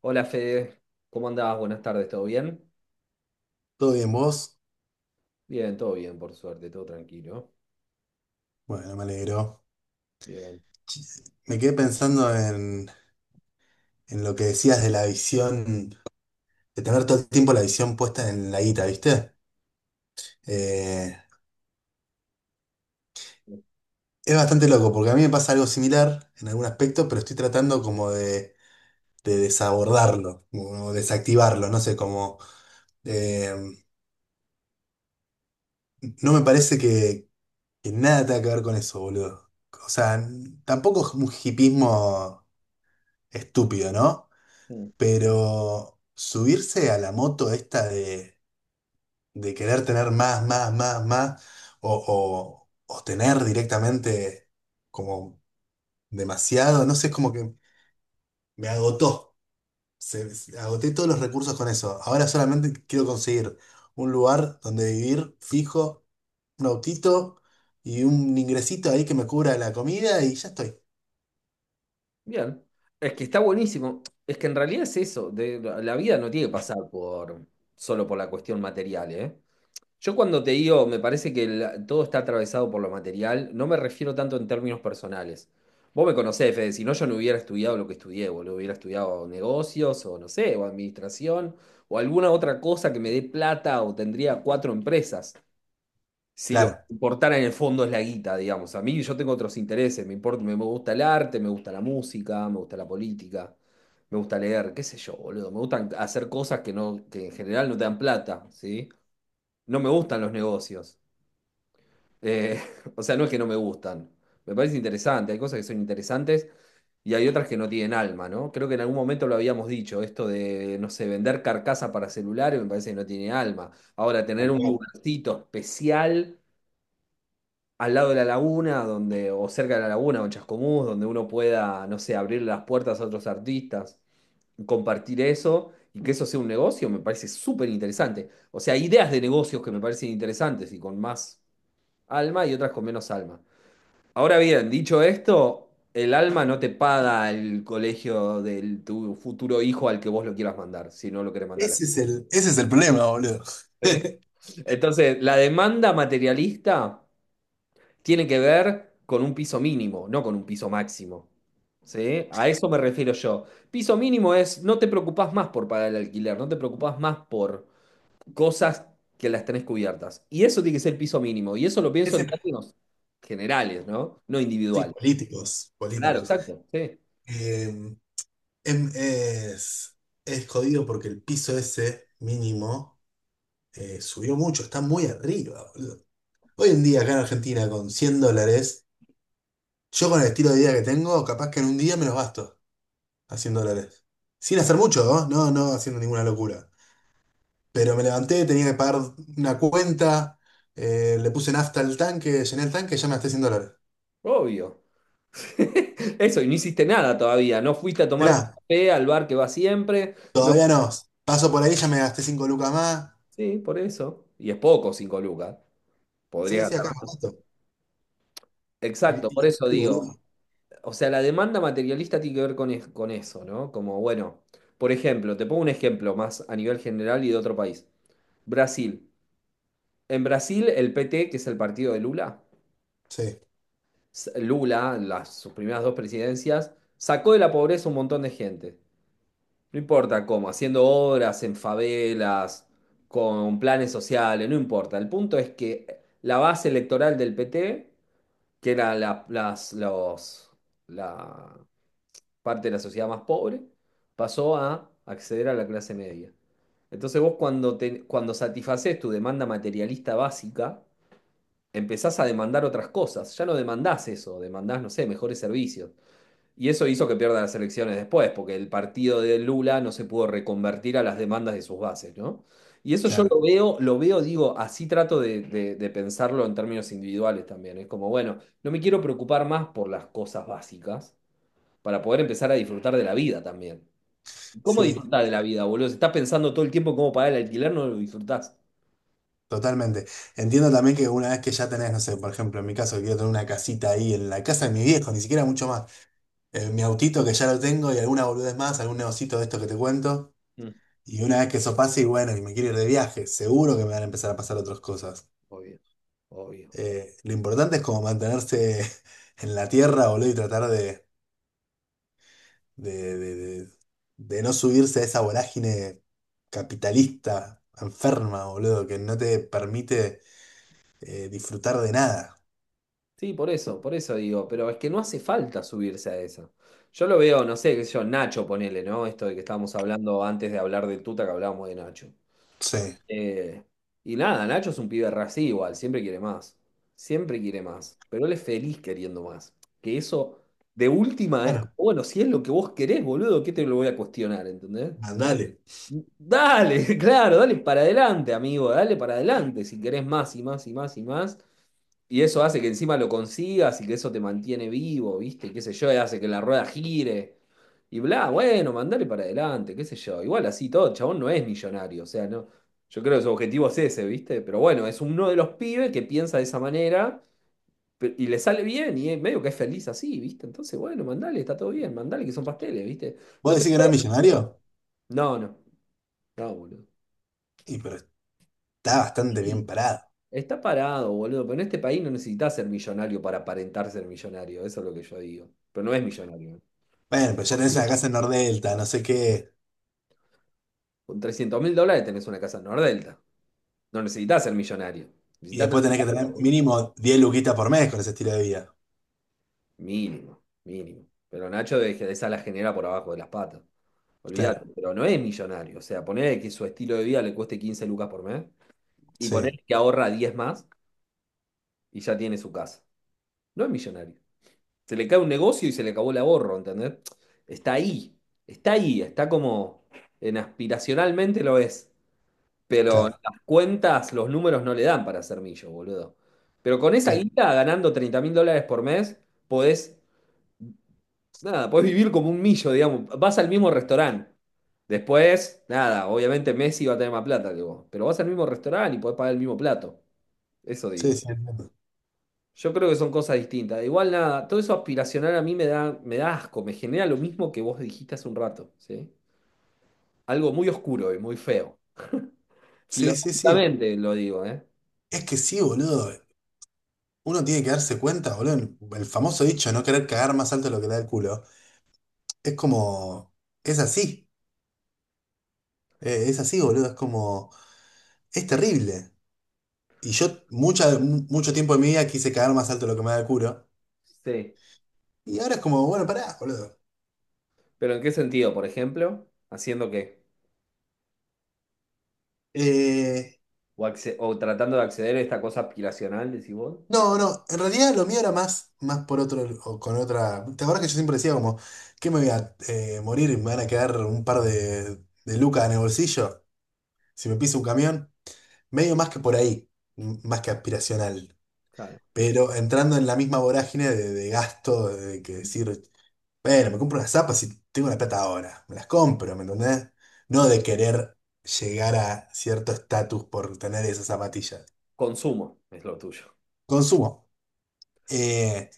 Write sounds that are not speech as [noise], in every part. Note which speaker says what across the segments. Speaker 1: Hola Fede, ¿cómo andás? Buenas tardes, ¿todo bien?
Speaker 2: ¿Todo bien vos?
Speaker 1: Bien, todo bien, por suerte, todo tranquilo.
Speaker 2: Bueno, me alegro.
Speaker 1: Bien.
Speaker 2: Me quedé pensando en lo que decías de la visión, de tener todo el tiempo la visión puesta en la guita, ¿viste? Eh, es bastante loco, porque a mí me pasa algo similar en algún aspecto, pero estoy tratando como de desabordarlo, como desactivarlo, no sé, como... eh, no me parece que nada tenga que ver con eso, boludo. O sea, tampoco es un hipismo estúpido, ¿no?
Speaker 1: Mm,
Speaker 2: Pero subirse a la moto esta de querer tener más, más, más, más, o, o, o tener directamente como demasiado, no sé, es como que me agotó. Agoté todos los recursos con eso. Ahora solamente quiero conseguir un lugar donde vivir fijo, un autito y un ingresito ahí que me cubra la comida y ya estoy.
Speaker 1: Bien. Es que está buenísimo. Es que en realidad es eso, de, la vida no tiene que pasar por, solo por la cuestión material, ¿eh? Yo cuando te digo, me parece que todo está atravesado por lo material, no me refiero tanto en términos personales. Vos me conocés, Fede, si no yo no hubiera estudiado lo que estudié, boludo, hubiera estudiado negocios o no sé, o administración o alguna otra cosa que me dé plata o tendría cuatro empresas. Si lo que
Speaker 2: Claro.
Speaker 1: me importara en el fondo es la guita, digamos. A mí yo tengo otros intereses, me importa, me gusta el arte, me gusta la música, me gusta la política, me gusta leer, qué sé yo, boludo. Me gustan hacer cosas que no, que en general no te dan plata, ¿sí? No me gustan los negocios. Eh, [laughs] o sea, no es que no me gustan. Me parece interesante, hay cosas que son interesantes y hay otras que no tienen alma, ¿no? Creo que en algún momento lo habíamos dicho, esto de, no sé, vender carcasa para celulares me parece que no tiene alma. Ahora, tener
Speaker 2: Tal
Speaker 1: un
Speaker 2: cual.
Speaker 1: lugarcito especial al lado de la laguna, donde, o cerca de la laguna, o en Chascomús, donde uno pueda, no sé, abrir las puertas a otros artistas, compartir eso y que eso sea un negocio, me parece súper interesante. O sea, hay ideas de negocios que me parecen interesantes y con más alma y otras con menos alma. Ahora bien, dicho esto, el alma no te paga el colegio de tu futuro hijo al que vos lo quieras mandar, si no lo querés mandar.
Speaker 2: Ese es el problema, boludo.
Speaker 1: ¿Sí?
Speaker 2: [laughs]
Speaker 1: Entonces, la demanda materialista tiene que ver con un piso mínimo, no con un piso máximo. ¿Sí? A eso me refiero yo. Piso mínimo es no te preocupás más por pagar el alquiler, no te preocupás más por cosas que las tenés cubiertas. Y eso tiene que ser el piso mínimo. Y eso lo pienso en
Speaker 2: Ese,
Speaker 1: términos generales, ¿no? No
Speaker 2: sí,
Speaker 1: individuales.
Speaker 2: políticos,
Speaker 1: Claro,
Speaker 2: políticos.
Speaker 1: exacto. Sí,
Speaker 2: Eh, em- es, es jodido porque el piso ese mínimo subió mucho, está muy arriba, boludo. Hoy en día acá en Argentina con US$100, yo con el estilo de vida que tengo, capaz que en un día me los gasto a US$100. Sin hacer mucho, ¿no? No, no haciendo ninguna locura. Pero me levanté, tenía que pagar una cuenta, le puse nafta al tanque, llené el tanque, ya me gasté US$100.
Speaker 1: obvio. [laughs] Eso, y no hiciste nada todavía. No fuiste a
Speaker 2: De
Speaker 1: tomar tu
Speaker 2: nada,
Speaker 1: café al bar que va siempre. No.
Speaker 2: todavía no. Paso por ahí, ya me gasté 5 lucas más.
Speaker 1: Sí, por eso. Y es poco, 5 lucas.
Speaker 2: Sí,
Speaker 1: Podría
Speaker 2: sí, acá me
Speaker 1: gastar.
Speaker 2: gasto. Y,
Speaker 1: Exacto,
Speaker 2: y
Speaker 1: por eso
Speaker 2: así,
Speaker 1: digo.
Speaker 2: boludo.
Speaker 1: O sea, la demanda materialista tiene que ver con, con eso, ¿no? Como, bueno, por ejemplo, te pongo un ejemplo más a nivel general y de otro país. Brasil. En Brasil, el PT, que es el partido de Lula,
Speaker 2: Sí,
Speaker 1: Lula, las, sus primeras dos presidencias, sacó de la pobreza un montón de gente. No importa cómo, haciendo obras en favelas, con planes sociales, no importa. El punto es que la base electoral del PT, que era la, las, los, la- parte de la sociedad más pobre, pasó a acceder a la clase media. Entonces vos cuando, cuando satisfaces tu demanda materialista básica, empezás a demandar otras cosas. Ya no demandás eso, demandás, no sé, mejores servicios. Y eso hizo que pierda las elecciones después, porque el partido de Lula no se pudo reconvertir a las demandas de sus bases, ¿no? Y eso yo
Speaker 2: claro,
Speaker 1: lo veo, digo, así trato de, de pensarlo en términos individuales también. Es como, bueno, no me quiero preocupar más por las cosas básicas, para poder empezar a disfrutar de la vida también. ¿Cómo
Speaker 2: sí,
Speaker 1: disfrutar de la vida, boludo? Si estás pensando todo el tiempo cómo pagar el alquiler, no lo disfrutás.
Speaker 2: totalmente. Entiendo también que una vez que ya tenés, no sé, por ejemplo, en mi caso, quiero tener una casita ahí en la casa de mi viejo, ni siquiera mucho más. Mi autito que ya lo tengo y alguna boludez más, algún negocito de esto que te cuento.
Speaker 1: Mm.
Speaker 2: Y una vez que eso pase, y bueno, y me quiero ir de viaje, seguro que me van a empezar a pasar otras cosas.
Speaker 1: Obvio, obvio.
Speaker 2: Lo importante es como mantenerse [laughs] en la tierra, boludo, y tratar de, de, de, de no subirse a esa vorágine capitalista, enferma, boludo, que no te permite disfrutar de nada.
Speaker 1: Sí, por eso digo, pero es que no hace falta subirse a eso. Yo lo veo, no sé, qué sé yo, Nacho, ponele, ¿no? Esto de que estábamos hablando antes de hablar de Tuta, que hablábamos de Nacho.
Speaker 2: Sí,
Speaker 1: Eh, y nada, Nacho es un pibe re así igual, siempre quiere más, pero él es feliz queriendo más. Que eso, de última, es
Speaker 2: claro,
Speaker 1: como, bueno, si es lo que vos querés, boludo, ¿qué te lo voy a cuestionar, ¿entendés?
Speaker 2: mandale.
Speaker 1: Dale, [laughs] claro, dale para adelante, amigo, dale para adelante, si querés más y más y más y más. Y eso hace que encima lo consigas y que eso te mantiene vivo, ¿viste? Qué sé yo, y hace que la rueda gire. Y bla, bueno, mandale para adelante, qué sé yo. Igual así todo, el chabón no es millonario, o sea, no. Yo creo que su objetivo es ese, ¿viste? Pero bueno, es uno de los pibes que piensa de esa manera y le sale bien y es medio que es feliz así, ¿viste? Entonces, bueno, mandale, está todo bien, mandale que son pasteles, ¿viste?
Speaker 2: ¿Vos
Speaker 1: No te...
Speaker 2: decís que no es millonario?
Speaker 1: No, no, no, boludo.
Speaker 2: Y pero está bastante bien parado.
Speaker 1: Está parado, boludo, pero en este país no necesitas ser millonario para aparentar ser millonario, eso es lo que yo digo. Pero no es millonario.
Speaker 2: Bueno, pero ya tenés
Speaker 1: Supongo.
Speaker 2: una casa en Nordelta, no sé qué.
Speaker 1: Con 300.000 dólares tenés una casa en Nordelta. No necesitas ser millonario.
Speaker 2: Y
Speaker 1: Necesitas
Speaker 2: después
Speaker 1: tener
Speaker 2: tenés que
Speaker 1: plata,
Speaker 2: tener
Speaker 1: boludo.
Speaker 2: mínimo 10 luquitas por mes con ese estilo de vida.
Speaker 1: Mínimo, mínimo. Pero Nacho de que esa la genera por abajo de las patas.
Speaker 2: Claro,
Speaker 1: Olvídate, pero no es millonario. O sea, poner que su estilo de vida le cueste 15 lucas por mes y poner
Speaker 2: sí,
Speaker 1: que ahorra 10 más y ya tiene su casa. No es millonario. Se le cae un negocio y se le acabó el ahorro, ¿entendés? Está ahí, está ahí, está como en aspiracionalmente lo es, pero
Speaker 2: claro,
Speaker 1: las cuentas, los números no le dan para ser millo, boludo. Pero con esa
Speaker 2: claro.
Speaker 1: guita, ganando 30.000 dólares por mes, podés, nada, podés vivir como un millo, digamos. Vas al mismo restaurante. Después, nada, obviamente Messi va a tener más plata que vos, pero vas al mismo restaurante y podés pagar el mismo plato. Eso
Speaker 2: Sí,
Speaker 1: digo.
Speaker 2: sí, entiendo.
Speaker 1: Yo creo que son cosas distintas. Igual nada, todo eso aspiracional a mí me da asco, me genera lo mismo que vos dijiste hace un rato, ¿sí? Algo muy oscuro y muy feo.
Speaker 2: Sí, sí, sí.
Speaker 1: Filosóficamente lo digo, ¿eh?
Speaker 2: Es que sí, boludo. Uno tiene que darse cuenta, boludo. El famoso dicho, no querer cagar más alto de lo que da el culo. Es como... es así. Es así, boludo. Es como... es terrible. Y yo mucho tiempo de mi vida quise caer más alto de lo que me da el culo.
Speaker 1: Sí.
Speaker 2: Y ahora es como, bueno, pará, boludo.
Speaker 1: ¿Pero en qué sentido? Por ejemplo, ¿haciendo qué?
Speaker 2: Eh,
Speaker 1: O, o tratando de acceder a esta cosa aspiracional, decís vos.
Speaker 2: no, no, en realidad lo mío era más por otro, o con otra. ¿Te acuerdas que yo siempre decía como, que me voy a morir y me van a quedar un par de lucas en el bolsillo si me piso un camión? Medio más que por ahí, más que aspiracional.
Speaker 1: Claro.
Speaker 2: Pero entrando en la misma vorágine de gasto, de que decir, bueno, me compro unas zapas si tengo la plata ahora. Me las compro, ¿me entendés? No
Speaker 1: Sí.
Speaker 2: de querer llegar a cierto estatus por tener esas zapatillas.
Speaker 1: Consumo es lo tuyo.
Speaker 2: Consumo. Eh,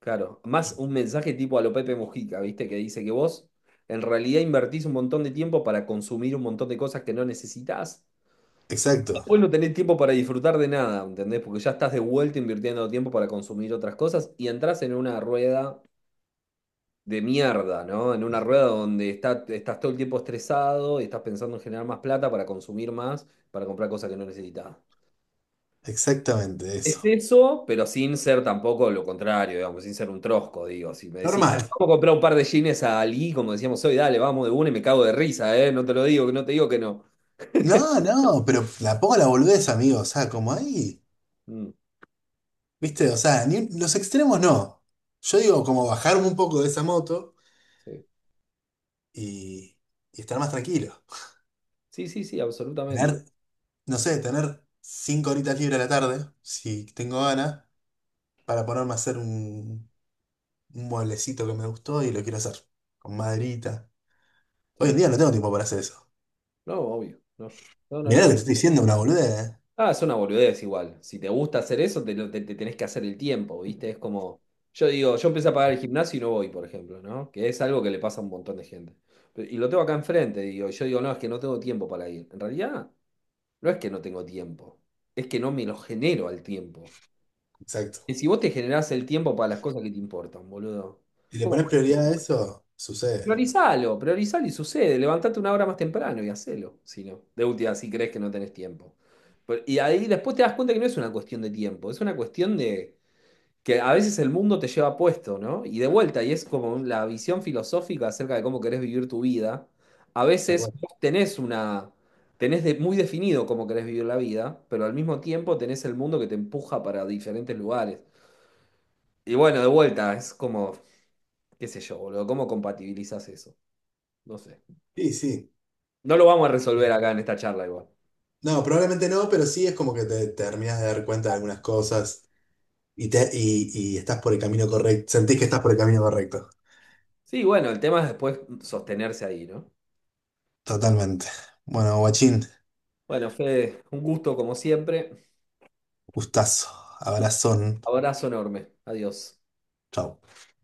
Speaker 1: Claro. Más un mensaje tipo a lo Pepe Mujica, ¿viste? Que dice que vos en realidad invertís un montón de tiempo para consumir un montón de cosas que no necesitas.
Speaker 2: exacto,
Speaker 1: Vos no tenés tiempo para disfrutar de nada, ¿entendés? Porque ya estás de vuelta invirtiendo tiempo para consumir otras cosas y entras en una rueda de mierda, ¿no? En una rueda donde estás todo el tiempo estresado y estás pensando en generar más plata para consumir más, para comprar cosas que no necesitas.
Speaker 2: exactamente
Speaker 1: Es
Speaker 2: eso.
Speaker 1: eso, pero sin ser tampoco lo contrario, digamos, sin ser un trosco, digo. Si me decís,
Speaker 2: Normal.
Speaker 1: vamos a comprar un par de jeans a Ali, como decíamos hoy, dale, vamos de una y me cago de risa, ¿eh? No te lo digo, no te digo que no.
Speaker 2: No, no, pero la pongo la boludez, amigo. O sea, como ahí.
Speaker 1: Mm,
Speaker 2: ¿Viste? O sea, los extremos no. Yo digo, como bajarme un poco de esa moto
Speaker 1: sí,
Speaker 2: y, y estar más tranquilo.
Speaker 1: sí, sí, sí, absolutamente.
Speaker 2: Tener, no sé, tener 5 horitas libres a la tarde, si tengo ganas para ponerme a hacer un mueblecito que me gustó y lo quiero hacer con maderita. Hoy en
Speaker 1: Sí.
Speaker 2: día no tengo tiempo para hacer eso.
Speaker 1: No, obvio, no. No, no,
Speaker 2: Mirá lo que
Speaker 1: no.
Speaker 2: te estoy diciendo, una boludez, ¿eh?
Speaker 1: Ah, es una boludez igual. Si te gusta hacer eso, te tenés que hacer el tiempo, ¿viste? Es como, yo digo, yo empecé a pagar el gimnasio y no voy, por ejemplo, ¿no? Que es algo que le pasa a un montón de gente. Y lo tengo acá enfrente, digo, y yo digo, no, es que no tengo tiempo para ir. En realidad, no es que no tengo tiempo, es que no me lo genero al tiempo.
Speaker 2: Exacto.
Speaker 1: Y si vos te generás el tiempo para las cosas que te importan, boludo,
Speaker 2: Si le
Speaker 1: ¿cómo?
Speaker 2: pones prioridad a eso, sucede.
Speaker 1: Priorizalo, priorizalo y sucede. Levantate una hora más temprano y hacelo. Si no, de última, si crees que no tenés tiempo. Y ahí después te das cuenta que no es una cuestión de tiempo, es una cuestión de que a veces el mundo te lleva puesto, ¿no? Y de vuelta, y es como la visión filosófica acerca de cómo querés vivir tu vida. A
Speaker 2: Tal
Speaker 1: veces
Speaker 2: cual.
Speaker 1: vos tenés una, tenés muy definido cómo querés vivir la vida, pero al mismo tiempo tenés el mundo que te empuja para diferentes lugares. Y bueno, de vuelta, es como, qué sé yo, boludo, ¿cómo compatibilizás eso? No sé.
Speaker 2: Sí, sí.
Speaker 1: No lo vamos a resolver acá en esta charla igual.
Speaker 2: No, probablemente no, pero sí es como terminas de dar cuenta de algunas cosas y estás por el camino correcto. Sentís que estás por el camino correcto.
Speaker 1: Sí, bueno, el tema es después sostenerse ahí, ¿no?
Speaker 2: Totalmente. Bueno, guachín,
Speaker 1: Bueno, Fede, un gusto como siempre.
Speaker 2: gustazo, abrazón.
Speaker 1: Abrazo enorme. Adiós.
Speaker 2: Chau.